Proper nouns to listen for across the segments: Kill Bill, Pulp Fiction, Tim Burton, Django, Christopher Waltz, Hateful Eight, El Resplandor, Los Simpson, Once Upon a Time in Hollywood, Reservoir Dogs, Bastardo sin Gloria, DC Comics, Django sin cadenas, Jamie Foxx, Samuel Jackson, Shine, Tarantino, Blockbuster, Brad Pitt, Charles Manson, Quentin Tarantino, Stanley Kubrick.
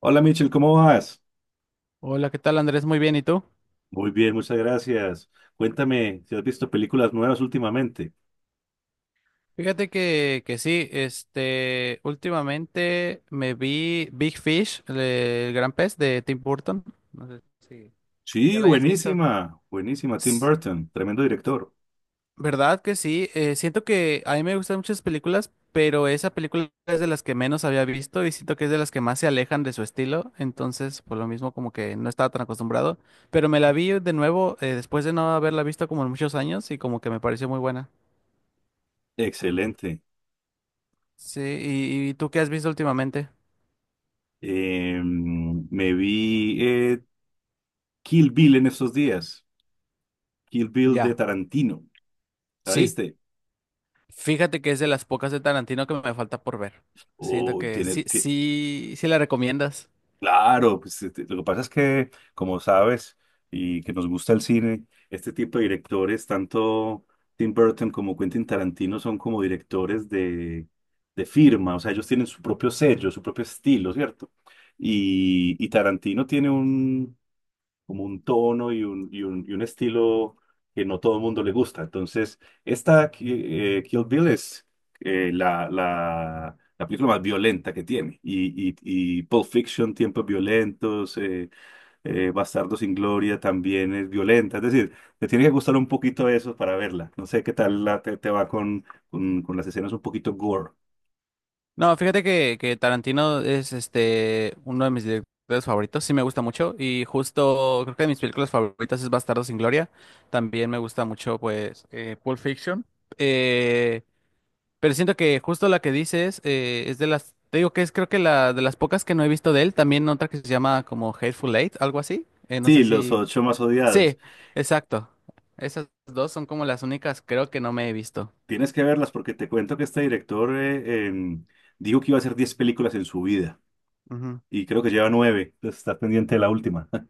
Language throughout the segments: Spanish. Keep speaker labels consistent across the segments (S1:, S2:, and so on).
S1: Hola Michel, ¿cómo vas?
S2: Hola, ¿qué tal Andrés? Muy bien, ¿y tú?
S1: Muy bien, muchas gracias. Cuéntame si has visto películas nuevas últimamente.
S2: Fíjate que sí, últimamente me vi Big Fish, el gran pez de Tim Burton. No sé si ya
S1: Sí,
S2: la hayas visto.
S1: buenísima, buenísima. Tim
S2: S-
S1: Burton, tremendo director.
S2: ¿Verdad que sí? Siento que a mí me gustan muchas películas, pero esa película es de las que menos había visto y siento que es de las que más se alejan de su estilo. Entonces, por lo mismo, como que no estaba tan acostumbrado. Pero me la vi de nuevo, después de no haberla visto como en muchos años y como que me pareció muy buena.
S1: Excelente.
S2: Sí, y tú qué has visto últimamente?
S1: Me vi Kill Bill en estos días. Kill Bill de
S2: Ya,
S1: Tarantino, ¿la
S2: sí.
S1: viste?
S2: Fíjate que es de las pocas de Tarantino que me falta por ver. Siento
S1: Uy,
S2: que
S1: tiene, ti-
S2: sí la recomiendas.
S1: Claro, pues este, lo que pasa es que, como sabes, y que nos gusta el cine, este tipo de directores, tanto Tim Burton como Quentin Tarantino, son como directores de firma, o sea, ellos tienen su propio sello, su propio estilo, ¿cierto? Y Tarantino tiene como un tono y un estilo que no todo el mundo le gusta. Entonces, esta Kill Bill es la, la película más violenta que tiene. Y Pulp Fiction, Tiempos Violentos, Bastardo sin Gloria también es violenta. Es decir, te tiene que gustar un poquito eso para verla. No sé qué tal te va con las escenas un poquito gore.
S2: No, fíjate que Tarantino es uno de mis directores favoritos, sí me gusta mucho. Y justo creo que de mis películas favoritas es Bastardo sin Gloria. También me gusta mucho, pues, Pulp Fiction. Eh, Pero siento que justo la que dices es de las, te digo que es creo que la de las pocas que no he visto de él, también otra que se llama como Hateful Eight, algo así. No
S1: Sí,
S2: sé
S1: los
S2: si...
S1: ocho más odiados.
S2: Sí, exacto. Esas dos son como las únicas creo que no me he visto.
S1: Tienes que verlas porque te cuento que este director dijo que iba a hacer 10 películas en su vida.
S2: Ujú.
S1: Y creo que lleva nueve, entonces estás pendiente de la última.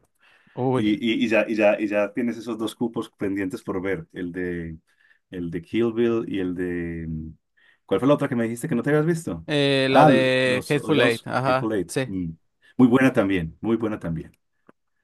S1: Y,
S2: Uy.
S1: y ya tienes esos dos cupos pendientes por ver, el de Kill Bill y el de... ¿Cuál fue la otra que me dijiste que no te habías visto?
S2: La
S1: Ah,
S2: de
S1: Los
S2: Hateful Eight,
S1: Odiados, Hateful
S2: ajá,
S1: Eight.
S2: sí.
S1: Mm. Muy buena también, muy buena también.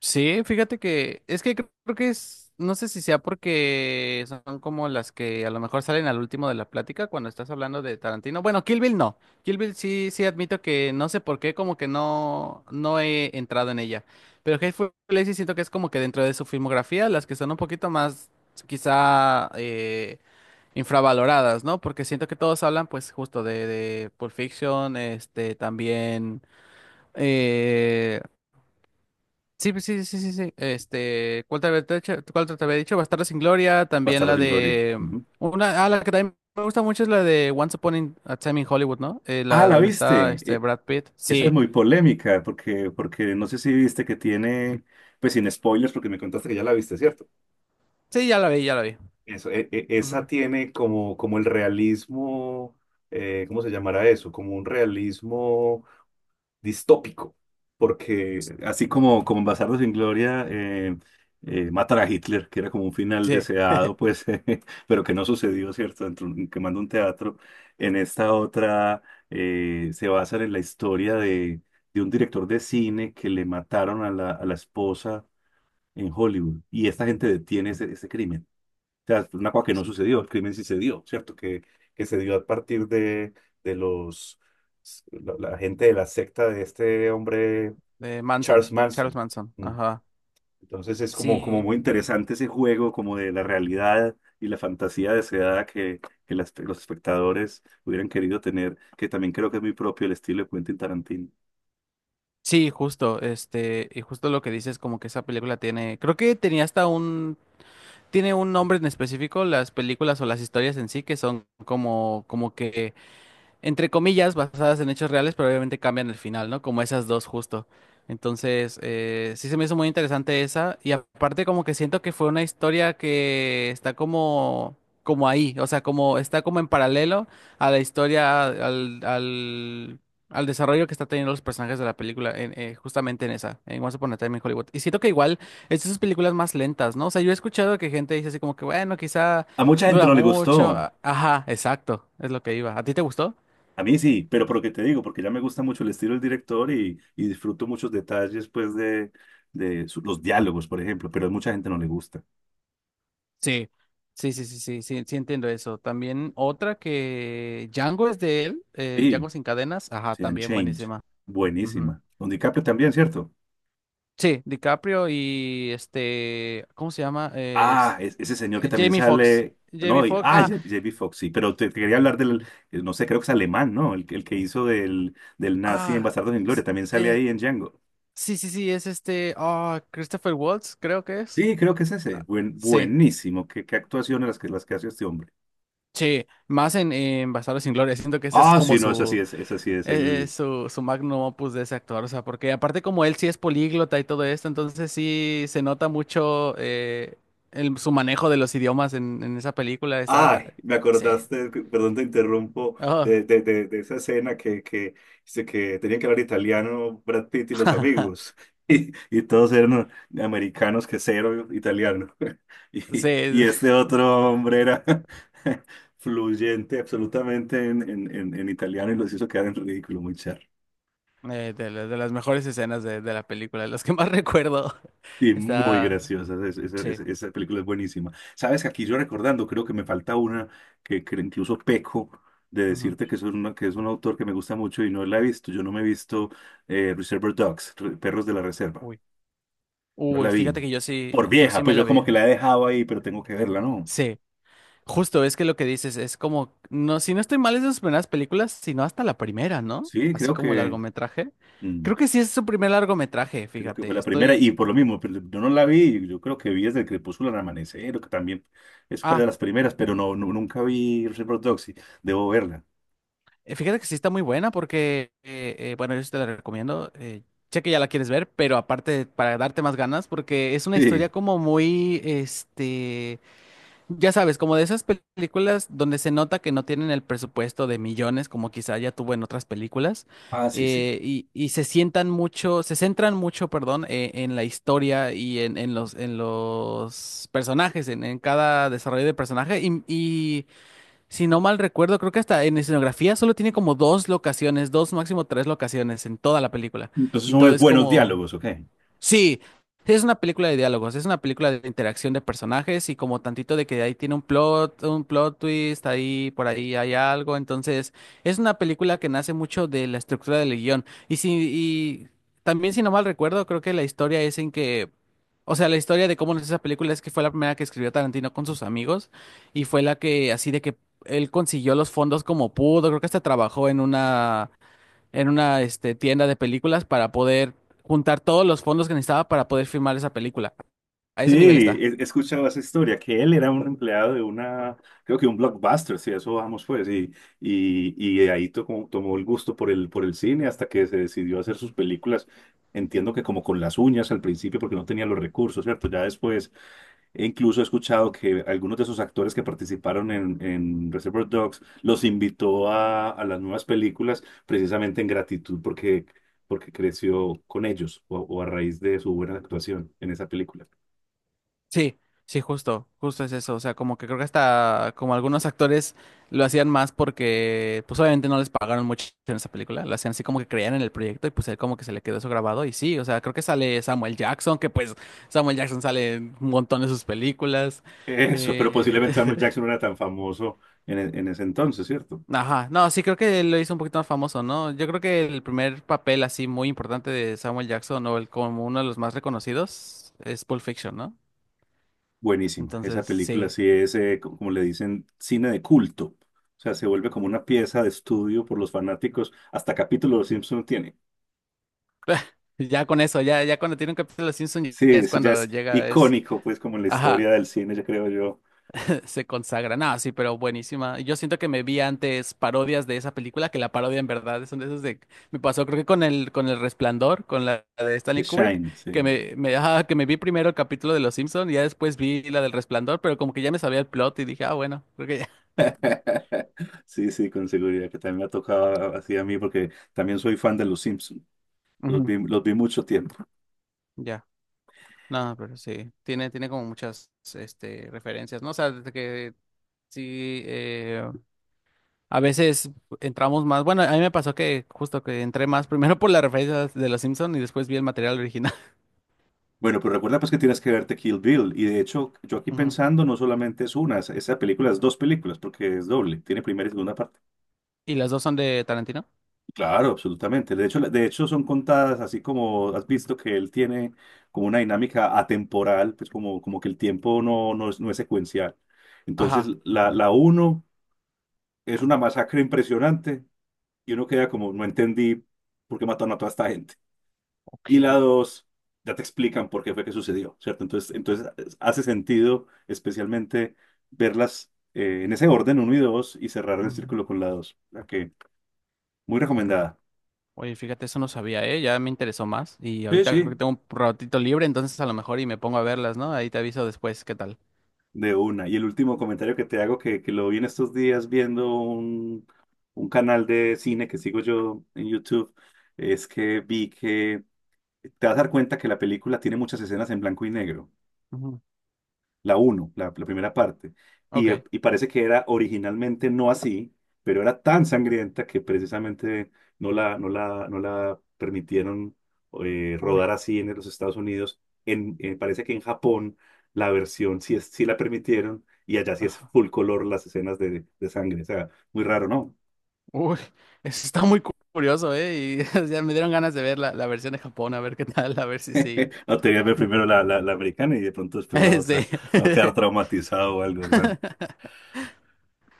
S2: Sí, fíjate que es que creo que es, no sé si sea porque son como las que a lo mejor salen al último de la plática cuando estás hablando de Tarantino. Bueno, Kill Bill no. Kill Bill sí, sí admito que no sé por qué, como que no he entrado en ella. Pero Hateful Eight sí siento que es como que dentro de su filmografía, las que son un poquito más quizá infravaloradas, ¿no? Porque siento que todos hablan pues justo de Pulp Fiction, también... eh, Sí, pues sí. ¿Cuál te había dicho? ¿Cuál te había dicho? Bastardos sin Gloria, también
S1: Bastardos
S2: la
S1: sin Gloria.
S2: de
S1: Ujú.
S2: una, ah, la que también me gusta mucho es la de Once Upon a Time in Hollywood, ¿no?
S1: Ah,
S2: La
S1: ¿la
S2: donde está
S1: viste?
S2: este Brad Pitt.
S1: Esa es
S2: Sí,
S1: muy polémica, porque, porque no sé si viste que tiene, pues sin spoilers, porque me contaste que ya la viste, ¿cierto?
S2: sí, ya la vi, ya la vi.
S1: Eso, esa
S2: Ujú.
S1: tiene como, como el realismo, ¿cómo se llamará eso? Como un realismo distópico, porque así como, como en Bastardos sin Gloria matan a Hitler, que era como un final
S2: Sí,
S1: deseado, pues, pero que no sucedió, ¿cierto? Dentro, quemando un teatro, en esta otra se basa en la historia de un director de cine que le mataron a la esposa en Hollywood y esta gente detiene ese crimen sea, una cosa que no sucedió, el crimen sí se dio, ¿cierto? Que se dio a partir de los, la gente de la secta de este hombre,
S2: de Manson,
S1: Charles
S2: Charles
S1: Manson.
S2: Manson,
S1: Mm.
S2: ajá.
S1: Entonces es como, como
S2: Sí,
S1: muy interesante ese juego, como de la realidad y la fantasía deseada que los espectadores hubieran querido tener, que también creo que es muy propio el estilo de Quentin Tarantino.
S2: sí, justo, y justo lo que dices, como que esa película tiene, creo que tenía hasta un, tiene un nombre en específico, las películas o las historias en sí, que son como, como que entre comillas, basadas en hechos reales, pero obviamente cambian el final, ¿no? Como esas dos justo. Entonces, sí se me hizo muy interesante esa. Y aparte como que siento que fue una historia que está como, como ahí, o sea, como está como en paralelo a la historia, al desarrollo que está teniendo los personajes de la película, en, justamente en esa, en Once Upon a Time in Hollywood. Y siento que igual es de esas películas más lentas, ¿no? O sea, yo he escuchado que gente dice así como que, bueno, quizá
S1: A mucha gente
S2: dura
S1: no le
S2: mucho.
S1: gustó.
S2: Ajá, exacto, es lo que iba. ¿A ti te gustó?
S1: A mí sí, pero por lo que te digo, porque ya me gusta mucho el estilo del director y disfruto muchos detalles, pues, de, de los diálogos, por ejemplo, pero a mucha gente no le gusta.
S2: Sí, sí entiendo eso. También otra que Django es de él,
S1: Sí,
S2: Django sin cadenas, ajá,
S1: sí,
S2: también
S1: Change,
S2: buenísima. Ujú.
S1: buenísima. Don DiCaprio también, ¿cierto?
S2: Sí, DiCaprio y ¿cómo se llama?
S1: Ah, ese señor que también
S2: Jamie Foxx.
S1: sale, no,
S2: Jamie Foxx,
S1: J.B. Fox, sí, pero te quería hablar del, no sé, creo que es alemán, ¿no? El, el que hizo del, del nazi en
S2: ah,
S1: Bastardos sin Gloria,
S2: s-
S1: también sale
S2: eh,
S1: ahí en Django.
S2: sí, es Christopher Waltz, creo que es.
S1: Sí, creo que es ese. Buen,
S2: Sí,
S1: buenísimo. Qué, qué actuaciones las que hace este hombre.
S2: sí, más en Bastardos sin Gloria, siento que ese es
S1: Ah,
S2: como
S1: sí, no,
S2: su
S1: esa sí es
S2: Es
S1: el,
S2: su magnum opus de ese actor, o sea, porque aparte como él sí es políglota y todo esto, entonces sí se nota mucho su manejo de los idiomas en esa película, está...
S1: Ay, me
S2: Sí.
S1: acordaste, perdón te interrumpo,
S2: Oh,
S1: de esa escena que, dice que tenían que hablar italiano Brad Pitt y los amigos, y todos eran americanos que cero italiano,
S2: sí,
S1: y este otro hombre era fluyente absolutamente en italiano y los hizo quedar en ridículo, muy charro.
S2: de las mejores escenas de la película, las que más recuerdo.
S1: Sí, muy
S2: Está...
S1: graciosa.
S2: Sí.
S1: Esa película es buenísima. Sabes que aquí yo recordando, creo que me falta una que incluso peco de
S2: Ujú.
S1: decirte que es, una, que es un autor que me gusta mucho y no la he visto. Yo no me he visto Reservoir Dogs, Perros de la Reserva.
S2: Uy.
S1: No la
S2: Uy,
S1: vi.
S2: fíjate que
S1: Por
S2: yo
S1: vieja,
S2: sí me
S1: pues
S2: la
S1: yo como
S2: vi.
S1: que la he dejado ahí, pero tengo que verla, ¿no?
S2: Sí. Justo, es que lo que dices es como, no, si no estoy mal, es de sus primeras películas, sino hasta la primera, ¿no?
S1: Sí,
S2: Así como largometraje.
S1: mm,
S2: Creo que sí es su primer largometraje,
S1: creo que fue
S2: fíjate,
S1: la primera
S2: estoy...
S1: y por lo mismo, pero yo no la vi. Yo creo que vi desde el crepúsculo al amanecer, que también es fue de
S2: Ah,
S1: las primeras, pero nunca vi Reservoir Dogs y debo verla.
S2: fíjate que sí está muy buena porque, bueno, yo sí te la recomiendo, sé que ya la quieres ver, pero aparte para darte más ganas, porque es una historia
S1: Sí.
S2: como muy, este... Ya sabes, como de esas películas donde se nota que no tienen el presupuesto de millones, como quizá ya tuvo en otras películas,
S1: Ah, sí, sí.
S2: y se sientan mucho, se centran mucho, perdón, en la historia y en en los personajes, en cada desarrollo de personaje. Y si no mal recuerdo, creo que hasta en escenografía solo tiene como dos locaciones, dos, máximo tres locaciones en toda la película.
S1: Entonces
S2: Y
S1: son
S2: todo
S1: unos
S2: es
S1: buenos
S2: como
S1: diálogos, ¿ok?
S2: Sí, es una película de diálogos, es una película de interacción de personajes y como tantito de que ahí tiene un plot twist, ahí por ahí hay algo, entonces es una película que nace mucho de la estructura del guión. Y también si no mal recuerdo, creo que la historia es en que, o sea, la historia de cómo nace esa película es que fue la primera que escribió Tarantino con sus amigos y fue la que así de que él consiguió los fondos como pudo, creo que hasta trabajó en una tienda de películas para poder juntar todos los fondos que necesitaba para poder filmar esa película. A
S1: Sí,
S2: ese nivel está.
S1: he, he escuchado esa historia, que él era un empleado de una, creo que un Blockbuster, sí, eso vamos pues, y de ahí tomó, tomó el gusto por el cine hasta que se decidió a hacer sus películas, entiendo que como con las uñas al principio porque no tenía los recursos, ¿cierto? Ya después e incluso he escuchado que algunos de esos actores que participaron en Reservoir Dogs los invitó a las nuevas películas precisamente en gratitud porque, porque creció con ellos o a raíz de su buena actuación en esa película.
S2: Sí, justo es eso. O sea, como que creo que hasta como algunos actores lo hacían más porque, pues obviamente no les pagaron mucho en esa película. Lo hacían así como que creían en el proyecto y pues él como que se le quedó eso grabado. Y sí, o sea, creo que sale Samuel Jackson, que Samuel Jackson sale en un montón de sus películas.
S1: Eso, pero
S2: Eh,
S1: posiblemente Samuel Jackson no era tan famoso en ese entonces, ¿cierto?
S2: Ajá, no, sí creo que lo hizo un poquito más famoso, ¿no? Yo creo que el primer papel así muy importante de Samuel Jackson o el como uno de los más reconocidos es Pulp Fiction, ¿no?
S1: Buenísima. Esa
S2: Entonces,
S1: película
S2: sí,
S1: sí es, como le dicen, cine de culto. O sea, se vuelve como una pieza de estudio por los fanáticos. Hasta capítulo de Los Simpson tiene.
S2: ya con eso, ya cuando tiene un capítulo de Simpson ya
S1: Sí,
S2: es
S1: eso ya
S2: cuando
S1: es
S2: llega, es,
S1: icónico, pues, como en la
S2: ajá,
S1: historia del cine, ya creo yo,
S2: se consagra. Nada, sí, pero buenísima. Yo siento que me vi antes parodias de esa película, que la parodia en verdad son de esos de... Me pasó creo que con con el Resplandor, con la, de
S1: de
S2: Stanley Kubrick,
S1: Shine,
S2: que
S1: sí.
S2: ajá, que me vi primero el capítulo de Los Simpson y ya después vi la del Resplandor, pero como que ya me sabía el plot y dije, ah, bueno, creo que ya.
S1: Sí, sí, con seguridad, que también me ha tocado así a mí, porque también soy fan de Los Simpson.
S2: Ujú,
S1: Los vi mucho tiempo.
S2: ya. No, pero sí, tiene, tiene como muchas, referencias, ¿no? O sea, desde que sí, a veces entramos más. Bueno, a mí me pasó que justo que entré más primero por las referencias de Los Simpson y después vi el material original.
S1: Bueno, pero recuerda pues que tienes que verte Kill Bill. Y de hecho, yo aquí
S2: Ujú.
S1: pensando, no solamente es una, esa película es dos películas, porque es doble, tiene primera y segunda parte.
S2: ¿Y las dos son de Tarantino?
S1: Claro, absolutamente. De hecho, de hecho son contadas así como has visto que él tiene como una dinámica atemporal, pues como, como que el tiempo no es secuencial. Entonces,
S2: Ajá.
S1: la uno es una masacre impresionante y uno queda como, no entendí por qué mataron a toda esta gente. Y la
S2: Ok.
S1: dos, ya te explican por qué fue que sucedió, ¿cierto? Entonces, entonces hace sentido especialmente verlas en ese orden, uno y dos, y cerrar el
S2: Ujú.
S1: círculo con la dos. La que, muy recomendada.
S2: Oye, fíjate, eso no sabía, ¿eh? Ya me interesó más. Y
S1: Sí,
S2: ahorita creo que
S1: sí.
S2: tengo un ratito libre, entonces a lo mejor y me pongo a verlas, ¿no? Ahí te aviso después qué tal.
S1: De una. Y el último comentario que te hago, que lo vi en estos días viendo un canal de cine que sigo yo en YouTube, es que vi que te vas a dar cuenta que la película tiene muchas escenas en blanco y negro
S2: Ujú.
S1: la uno la, la primera parte.
S2: Ok.
S1: Y parece que era originalmente no así, pero era tan sangrienta que precisamente no la permitieron
S2: Uy.
S1: rodar así en los Estados Unidos. Parece que en Japón la versión sí, sí la permitieron y allá sí es
S2: Ajá.
S1: full color las escenas de sangre. O sea, muy raro, ¿no?
S2: Uy. Eso está muy curioso, ¿eh? Y ya me dieron ganas de ver la versión de Japón, a ver qué tal, a ver si sí.
S1: No te voy a ver primero la, la americana y de pronto después la otra. No quedar
S2: Sí.
S1: traumatizado o algo, hermano.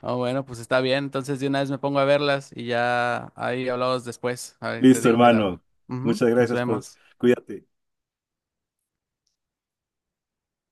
S2: Ah, bueno, pues está bien. Entonces de una vez me pongo a verlas y ya ahí hablamos después. A ver, te
S1: Listo,
S2: digo qué tal.
S1: hermano.
S2: Ujú,
S1: Muchas
S2: nos
S1: gracias por...
S2: vemos.
S1: Cuídate.